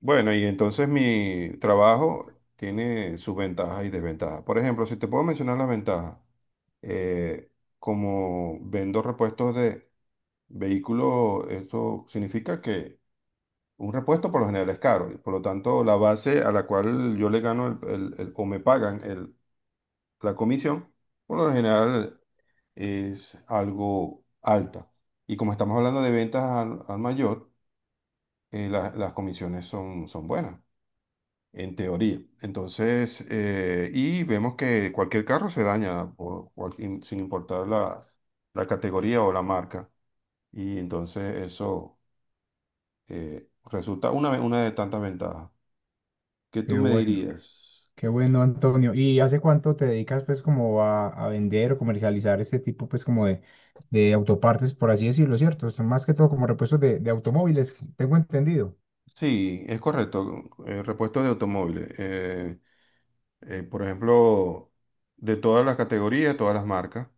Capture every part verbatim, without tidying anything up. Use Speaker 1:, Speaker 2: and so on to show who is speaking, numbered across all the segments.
Speaker 1: Bueno, y entonces mi trabajo tiene sus ventajas y desventajas. Por ejemplo, si te puedo mencionar las ventajas, eh, como vendo repuestos de vehículos, eso significa que un repuesto por lo general es caro y por lo tanto la base a la cual yo le gano el- el- el- o me pagan el- la comisión, por lo general es algo alta. Y como estamos hablando de ventas al, al mayor, eh, la- las comisiones son, son buenas en teoría. Entonces, eh, y vemos que cualquier carro se daña por- por- sin sin importar la, la categoría o la marca. Y entonces eso eh, resulta una, ve- una de tantas ventajas. ¿Qué tú
Speaker 2: Qué
Speaker 1: me
Speaker 2: bueno,
Speaker 1: dirías?
Speaker 2: qué bueno, Antonio. ¿Y hace cuánto te dedicas pues como a, a vender o comercializar este tipo pues como de, de autopartes, por así decirlo, ¿cierto? Son más que todo como repuestos de, de automóviles, tengo entendido.
Speaker 1: Sí, es correcto. eh, repuesto de automóviles. eh, eh, por ejemplo, de todas las categorías, todas las marcas.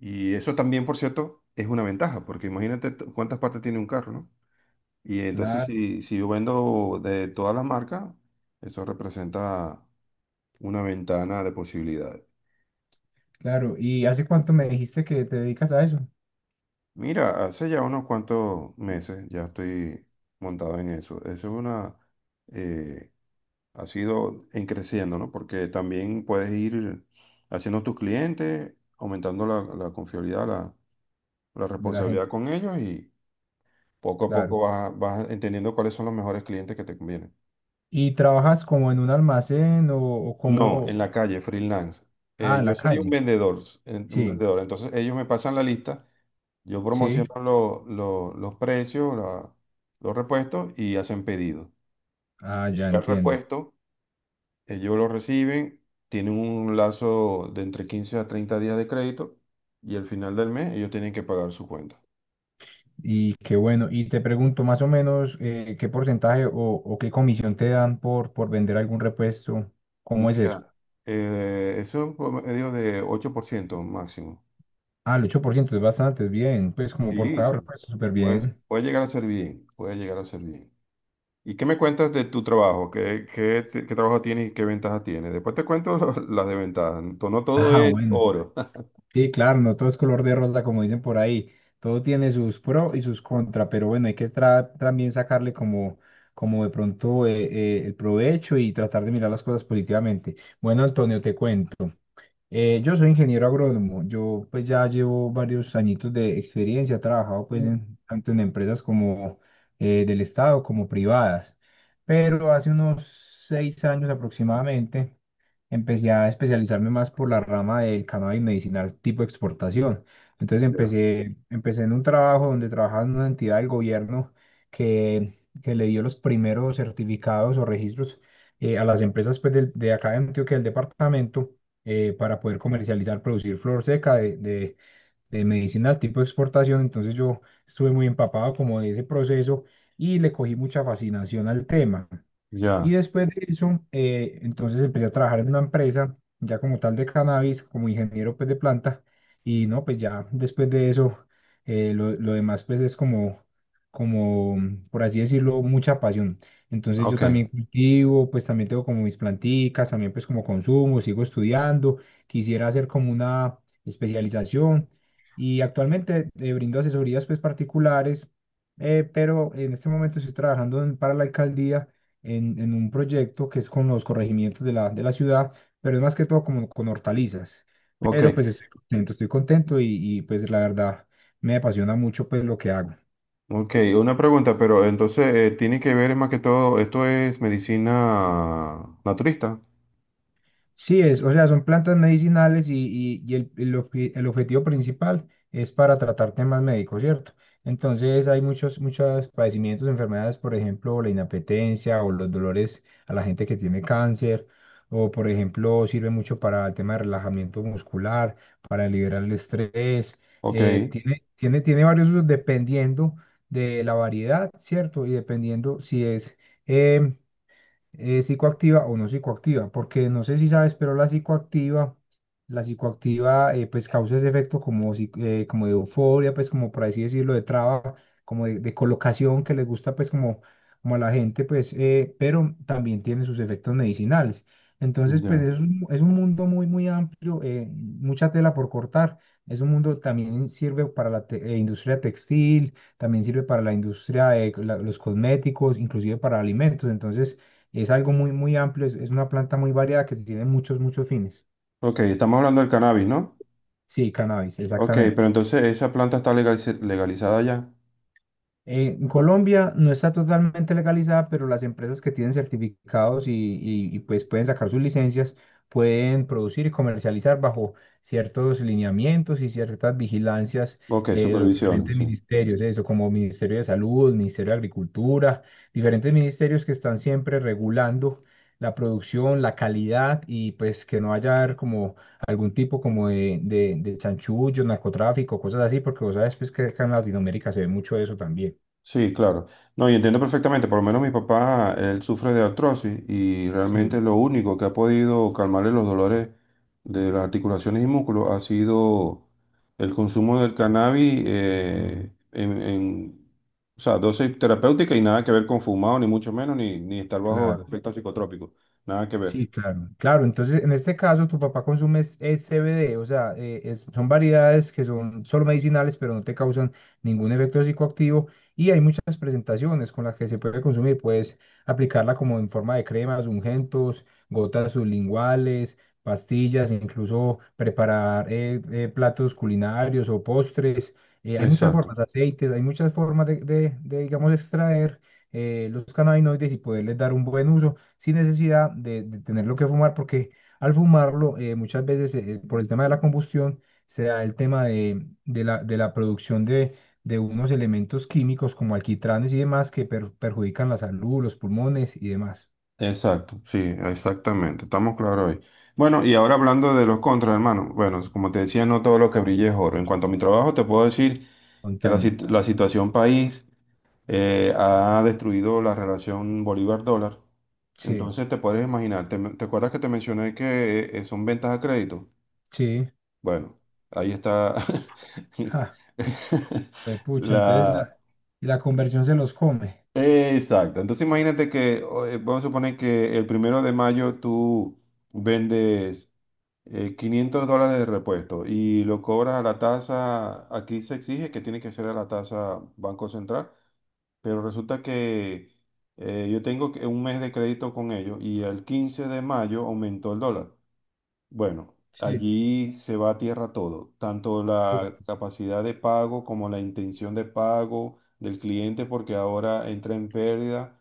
Speaker 1: Y eso también, por cierto, es una ventaja, porque imagínate t- cuántas partes tiene un carro, ¿no? Y entonces
Speaker 2: Claro,
Speaker 1: si, si yo vendo de todas las marcas, eso representa una ventana de posibilidades.
Speaker 2: claro. ¿Y hace cuánto me dijiste que te dedicas a eso?
Speaker 1: Mira, hace ya unos cuantos meses ya estoy montado en eso. Eso es una, eh, ha sido en creciendo, ¿no? Porque también puedes ir haciendo tus clientes, aumentando la, la confiabilidad, la, la
Speaker 2: De la
Speaker 1: responsabilidad
Speaker 2: gente,
Speaker 1: con ellos y poco a
Speaker 2: claro.
Speaker 1: poco vas, vas entendiendo cuáles son los mejores clientes que te convienen.
Speaker 2: ¿Y trabajas como en un almacén o, o
Speaker 1: No, en
Speaker 2: como...
Speaker 1: la calle, freelance.
Speaker 2: Ah,
Speaker 1: Eh,
Speaker 2: en
Speaker 1: yo
Speaker 2: la
Speaker 1: soy un
Speaker 2: calle.
Speaker 1: vendedor, eh, un
Speaker 2: Sí,
Speaker 1: vendedor. Entonces ellos me pasan la lista, yo
Speaker 2: sí.
Speaker 1: promociono lo- lo- los precios, la- los repuestos y hacen pedido.
Speaker 2: Ah, ya
Speaker 1: Llega el
Speaker 2: entiendo.
Speaker 1: repuesto, ellos lo reciben, tienen un lazo de entre quince a treinta días de crédito y al final del mes ellos tienen que pagar su cuenta.
Speaker 2: Y qué bueno. Y te pregunto más o menos eh, qué porcentaje o, o qué comisión te dan por, por vender algún repuesto. ¿Cómo es eso?
Speaker 1: Mira, eh, eso es un promedio de ocho por ciento máximo.
Speaker 2: Ah, el ocho por ciento es bastante, es bien. Pues como por
Speaker 1: Sí,
Speaker 2: cada
Speaker 1: sí.
Speaker 2: repuesto, súper
Speaker 1: Pues
Speaker 2: bien.
Speaker 1: puede llegar a ser bien, puede llegar a ser bien. ¿Y qué me cuentas de tu trabajo? ¿Qué, qué, te- qué trabajo tienes y qué ventajas tienes? Después te cuento lo- las desventajas. No no todo
Speaker 2: Ah,
Speaker 1: es
Speaker 2: bueno.
Speaker 1: oro.
Speaker 2: Sí, claro, no todo es color de rosa, como dicen por ahí. Todo tiene sus pro y sus contra, pero bueno, hay que tra- también sacarle como, como de pronto eh, eh, el provecho y tratar de mirar las cosas positivamente. Bueno, Antonio, te cuento. Eh, yo soy ingeniero agrónomo. Yo pues ya llevo varios añitos de experiencia. He trabajado pues en- tanto en empresas como eh, del Estado como privadas. Pero hace unos seis años aproximadamente empecé a especializarme más por la rama del cannabis medicinal tipo exportación. Entonces
Speaker 1: Ya,
Speaker 2: empecé, empecé en un trabajo donde trabajaba en una entidad del gobierno que, que le dio los primeros certificados o registros eh, a las empresas pues, del- de acá de Antioquia, del departamento eh, para poder comercializar, producir flor seca de, de, de medicinal tipo exportación. Entonces yo estuve muy empapado como de ese proceso y le cogí mucha fascinación al tema. Y
Speaker 1: ya,
Speaker 2: después de eso, eh, entonces empecé a trabajar en una empresa, ya como tal de cannabis, como ingeniero pues de planta. Y no, pues ya después de eso, eh, lo, lo demás pues es como, como, por así decirlo, mucha pasión. Entonces yo
Speaker 1: ok,
Speaker 2: también cultivo, pues también tengo como mis planticas, también pues como consumo, sigo estudiando, quisiera hacer como una especialización. Y actualmente eh, brindo asesorías pues particulares, eh, pero en este momento estoy trabajando en- para la alcaldía en, en un proyecto que es con los corregimientos de la, de la ciudad, pero es más que todo como con hortalizas.
Speaker 1: ok,
Speaker 2: Pero pues estoy contento, estoy contento y, y pues la verdad me apasiona mucho pues lo que hago.
Speaker 1: ok. Una pregunta, pero entonces eh, tiene que ver más que todo, esto es medicina naturista.
Speaker 2: Sí, es, o sea, son plantas medicinales y, y- y el, el obje- el objetivo principal es para tratar temas médicos, ¿cierto? Entonces hay muchos, muchos padecimientos, enfermedades, por ejemplo, la inapetencia o los dolores a la gente que tiene cáncer, o por ejemplo, sirve mucho para el tema de relajamiento muscular, para liberar el estrés,
Speaker 1: Ok,
Speaker 2: eh, tiene, tiene, tiene varios usos dependiendo de la variedad, ¿cierto? Y dependiendo si es... em, eh, psicoactiva o no psicoactiva, porque no sé si sabes, pero la psicoactiva, la psicoactiva eh, pues causa ese efecto como, si- eh, como de euforia, pues como por así decirlo, de traba, como de, de colocación que les gusta pues como, como a la gente, pues, eh, pero también tiene sus efectos medicinales. Entonces, pues
Speaker 1: ya.
Speaker 2: es un, es un mundo muy, muy amplio, eh, mucha tela por cortar. Es un mundo también sirve para la te- eh, industria textil, también sirve para la industria de la- los cosméticos, inclusive para alimentos. Entonces, es algo muy, muy amplio, es, es una planta muy variada que tiene muchos, muchos fines.
Speaker 1: Ok, estamos hablando del cannabis, ¿no?
Speaker 2: Sí, cannabis,
Speaker 1: Ok,
Speaker 2: exactamente.
Speaker 1: pero entonces esa planta está legaliz- legalizada ya.
Speaker 2: En Colombia no está totalmente legalizada, pero las empresas que tienen certificados y, y- y, pues pueden sacar sus licencias, pueden producir y comercializar bajo ciertos lineamientos y ciertas vigilancias
Speaker 1: Ok,
Speaker 2: eh, de los
Speaker 1: supervisión,
Speaker 2: diferentes
Speaker 1: sí.
Speaker 2: ministerios, eso como Ministerio de Salud, Ministerio de Agricultura, diferentes ministerios que están siempre regulando la producción, la calidad y pues que no haya como algún tipo como de, de, de chanchullo, narcotráfico, cosas así, porque vos sabes pues que acá en Latinoamérica se ve mucho eso también.
Speaker 1: Sí, claro. No, y entiendo perfectamente, por lo menos mi papá, él sufre de artrosis y
Speaker 2: Sí,
Speaker 1: realmente lo único que ha podido calmarle los dolores de las articulaciones y músculos ha sido el consumo del cannabis eh, en, en, o sea, dosis terapéutica y nada que ver con fumado, ni mucho menos, ni, ni estar bajo el
Speaker 2: claro.
Speaker 1: efecto psicotrópico, nada que
Speaker 2: Sí,
Speaker 1: ver.
Speaker 2: claro. Claro, entonces en este caso tu papá consume es, es C B D, o sea, eh, es- son variedades que son solo medicinales, pero no te causan ningún efecto psicoactivo y hay muchas presentaciones con las que se puede consumir. Puedes aplicarla como en forma de cremas, ungüentos, gotas sublinguales, pastillas, incluso preparar eh, eh, platos culinarios o postres. Eh, hay muchas formas,
Speaker 1: Exacto.
Speaker 2: aceites, hay muchas formas de, de- de, digamos, extraer eh, los cannabinoides y poderles dar un buen uso sin necesidad de, de tenerlo que fumar, porque al fumarlo eh, muchas veces eh, por el tema de la combustión se da el tema de, de la, de la producción de, de unos elementos químicos como alquitranes y demás que per- perjudican la salud, los pulmones y demás.
Speaker 1: Exacto, sí, exactamente, estamos claros hoy. Bueno, y ahora hablando de los contras, hermano, bueno, como te decía, no todo lo que brilla es oro. En cuanto a mi trabajo, te puedo decir que la,
Speaker 2: Contame.
Speaker 1: sit- la situación país eh, ha destruido la relación Bolívar-dólar.
Speaker 2: Sí,
Speaker 1: Entonces te puedes imaginar, ¿te, te acuerdas que te mencioné que eh, son ventas a crédito?
Speaker 2: sí.
Speaker 1: Bueno, ahí está
Speaker 2: Ja, pues pucha, entonces la,
Speaker 1: la.
Speaker 2: la conversión se los come.
Speaker 1: Exacto. Entonces imagínate que, o, eh, vamos a suponer que el primero de mayo tú vendes eh, quinientos dólares de repuesto y lo cobras a la tasa, aquí se exige que tiene que ser a la tasa Banco Central, pero resulta que eh, yo tengo que- un mes de crédito con ellos y el quince de mayo aumentó el dólar. Bueno,
Speaker 2: Sí,
Speaker 1: allí se va a tierra todo, tanto
Speaker 2: bueno,
Speaker 1: la capacidad de pago como la intención de pago del cliente, porque ahora entra en pérdida,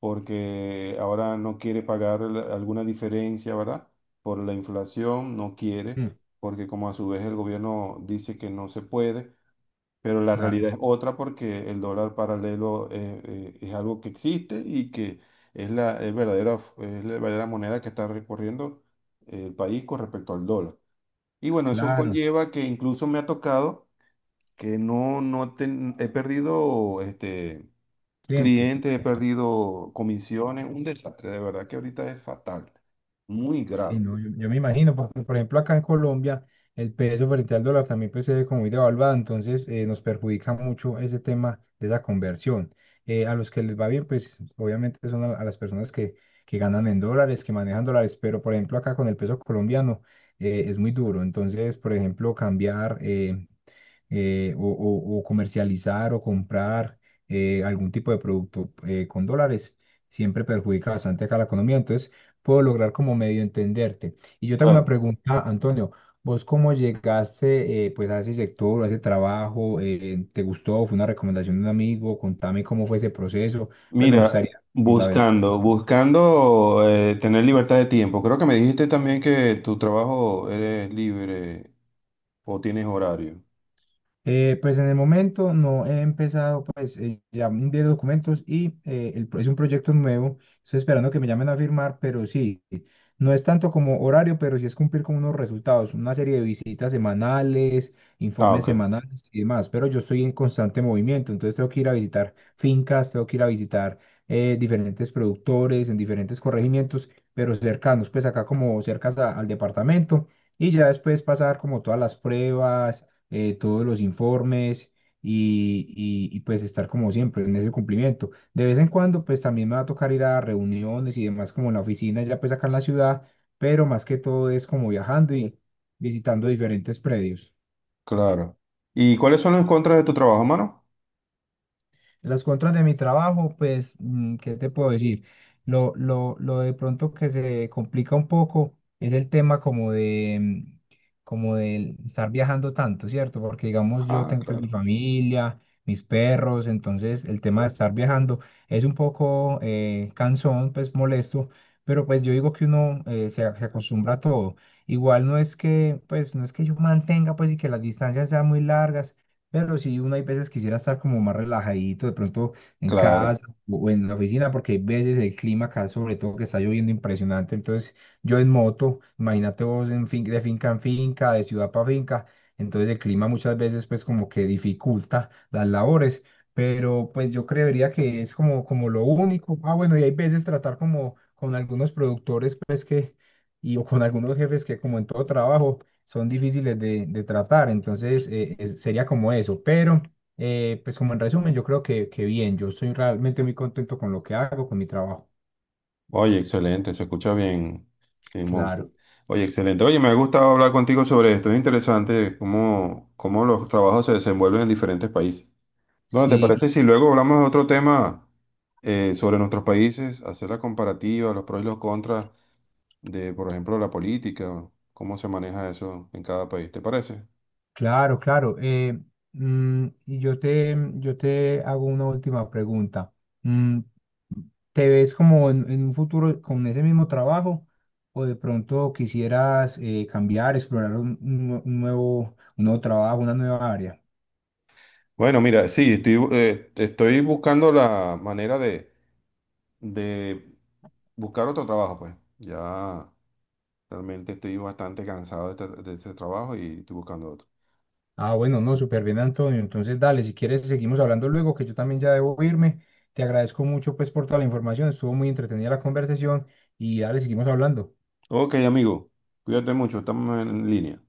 Speaker 1: porque ahora no quiere pagar la- alguna diferencia, ¿verdad? Por la inflación, no quiere,
Speaker 2: mm,
Speaker 1: porque como a su vez el gobierno dice que no se puede. Pero la
Speaker 2: la-
Speaker 1: realidad es otra porque el dólar paralelo eh, eh, es algo que existe y que es la, el verdadero, es la verdadera moneda que está recorriendo el país con respecto al dólar. Y bueno, eso
Speaker 2: claro,
Speaker 1: conlleva que incluso me ha tocado que no, no ten- he perdido este,
Speaker 2: clientes.
Speaker 1: clientes, he
Speaker 2: Bueno.
Speaker 1: perdido comisiones, un desastre, de verdad que ahorita es fatal, muy
Speaker 2: Sí,
Speaker 1: grave.
Speaker 2: no, yo, yo me imagino, porque por ejemplo acá en Colombia el peso frente al dólar también pues se ve como muy devaluado, entonces eh, nos perjudica mucho ese tema de esa conversión. Eh, a los que les va bien, pues obviamente son a, a las personas que, que ganan en dólares, que manejan dólares, pero por ejemplo acá con el peso colombiano eh, es muy duro, entonces por ejemplo cambiar eh, eh, o, o- o comercializar o comprar eh, algún tipo de producto eh, con dólares, siempre perjudica bastante acá la economía. Entonces, puedo lograr como medio entenderte. Y yo tengo una
Speaker 1: Claro.
Speaker 2: pregunta, Antonio. ¿Vos cómo llegaste eh, pues a ese sector, a ese trabajo? Eh, ¿te gustó? ¿Fue una recomendación de un amigo? Contame cómo fue ese proceso. Pues me
Speaker 1: Mira,
Speaker 2: gustaría como saber.
Speaker 1: buscando, buscando eh, tener libertad de tiempo. Creo que me dijiste también que tu trabajo eres libre o tienes horario.
Speaker 2: Eh, pues en el momento no he empezado, pues eh, ya envié documentos y eh, el pro- es un proyecto nuevo. Estoy esperando que me llamen a firmar, pero sí, no es tanto como horario, pero sí es cumplir con unos resultados, una serie de visitas semanales,
Speaker 1: Ah,
Speaker 2: informes
Speaker 1: ok,
Speaker 2: semanales y demás. Pero yo estoy en constante movimiento, entonces tengo que ir a visitar fincas, tengo que ir a visitar eh, diferentes productores en diferentes corregimientos, pero cercanos, pues acá como cercas a- al departamento. Y ya después pasar como todas las pruebas, eh, todos los informes y, y y pues estar como siempre en ese cumplimiento. De vez en cuando, pues también me va a tocar ir a reuniones y demás, como en la oficina, ya pues acá en la ciudad, pero más que todo es como viajando y visitando diferentes predios.
Speaker 1: claro. ¿Y cuáles son los contras de tu trabajo, mano?
Speaker 2: Las contras de mi trabajo, pues, mm, ¿qué te puedo decir? Lo, lo, lo de pronto que se complica un poco es el tema como de, mm, como de estar viajando tanto, ¿cierto? Porque, digamos, yo
Speaker 1: Ah,
Speaker 2: tengo pues
Speaker 1: claro,
Speaker 2: mi familia, mis perros, entonces el tema de estar viajando es un poco eh, cansón, pues molesto, pero pues yo digo que uno eh, se, se acostumbra a todo. Igual no es que, pues, no es que yo mantenga, pues, y que las distancias sean muy largas pero sí, uno hay veces quisiera estar como más relajadito, de pronto en
Speaker 1: claro.
Speaker 2: casa o en la oficina, porque hay veces el clima acá, sobre todo que está lloviendo impresionante. Entonces, yo en moto, imagínate vos en fin, de finca en finca, de ciudad para finca. Entonces, el clima muchas veces, pues, como que dificulta las labores. Pero, pues, yo creería que es como, como lo único. Ah, bueno, y hay veces tratar como con algunos productores, pues, que, y o con algunos jefes que, como en todo trabajo son difíciles de, de tratar, entonces eh, es- sería como eso, pero eh, pues como en resumen, yo creo que, que bien, yo estoy realmente muy contento con lo que hago, con mi trabajo.
Speaker 1: Oye, excelente, se escucha bien, Simón.
Speaker 2: Claro,
Speaker 1: Oye, excelente. Oye, me ha gustado hablar contigo sobre esto. Es interesante cómo, cómo los trabajos se desenvuelven en diferentes países. Bueno, ¿te
Speaker 2: sí,
Speaker 1: parece si
Speaker 2: y-
Speaker 1: luego hablamos de otro tema eh, sobre nuestros países, hacer la comparativa, los pros y los contras de, por ejemplo, la política, cómo se maneja eso en cada país? ¿Te parece?
Speaker 2: claro, claro. Eh, mm, y yo te, mm, yo te hago una última pregunta. Mm, ¿Te ves como en, en un futuro con ese mismo trabajo o de pronto quisieras eh, cambiar, explorar un, un nue- un nuevo, un nuevo trabajo, una nueva área?
Speaker 1: Bueno, mira, sí, estoy, bu- eh, estoy buscando la manera de, de buscar otro trabajo, pues. Ya realmente estoy bastante cansado de este, de este trabajo y estoy buscando otro.
Speaker 2: Ah, bueno, no, súper bien, Antonio. Entonces, dale, si quieres, seguimos hablando luego, que yo también ya debo irme. Te agradezco mucho, pues, por toda la información. Estuvo muy entretenida la conversación y dale, seguimos hablando.
Speaker 1: Ok, amigo, cuídate mucho, estamos en línea.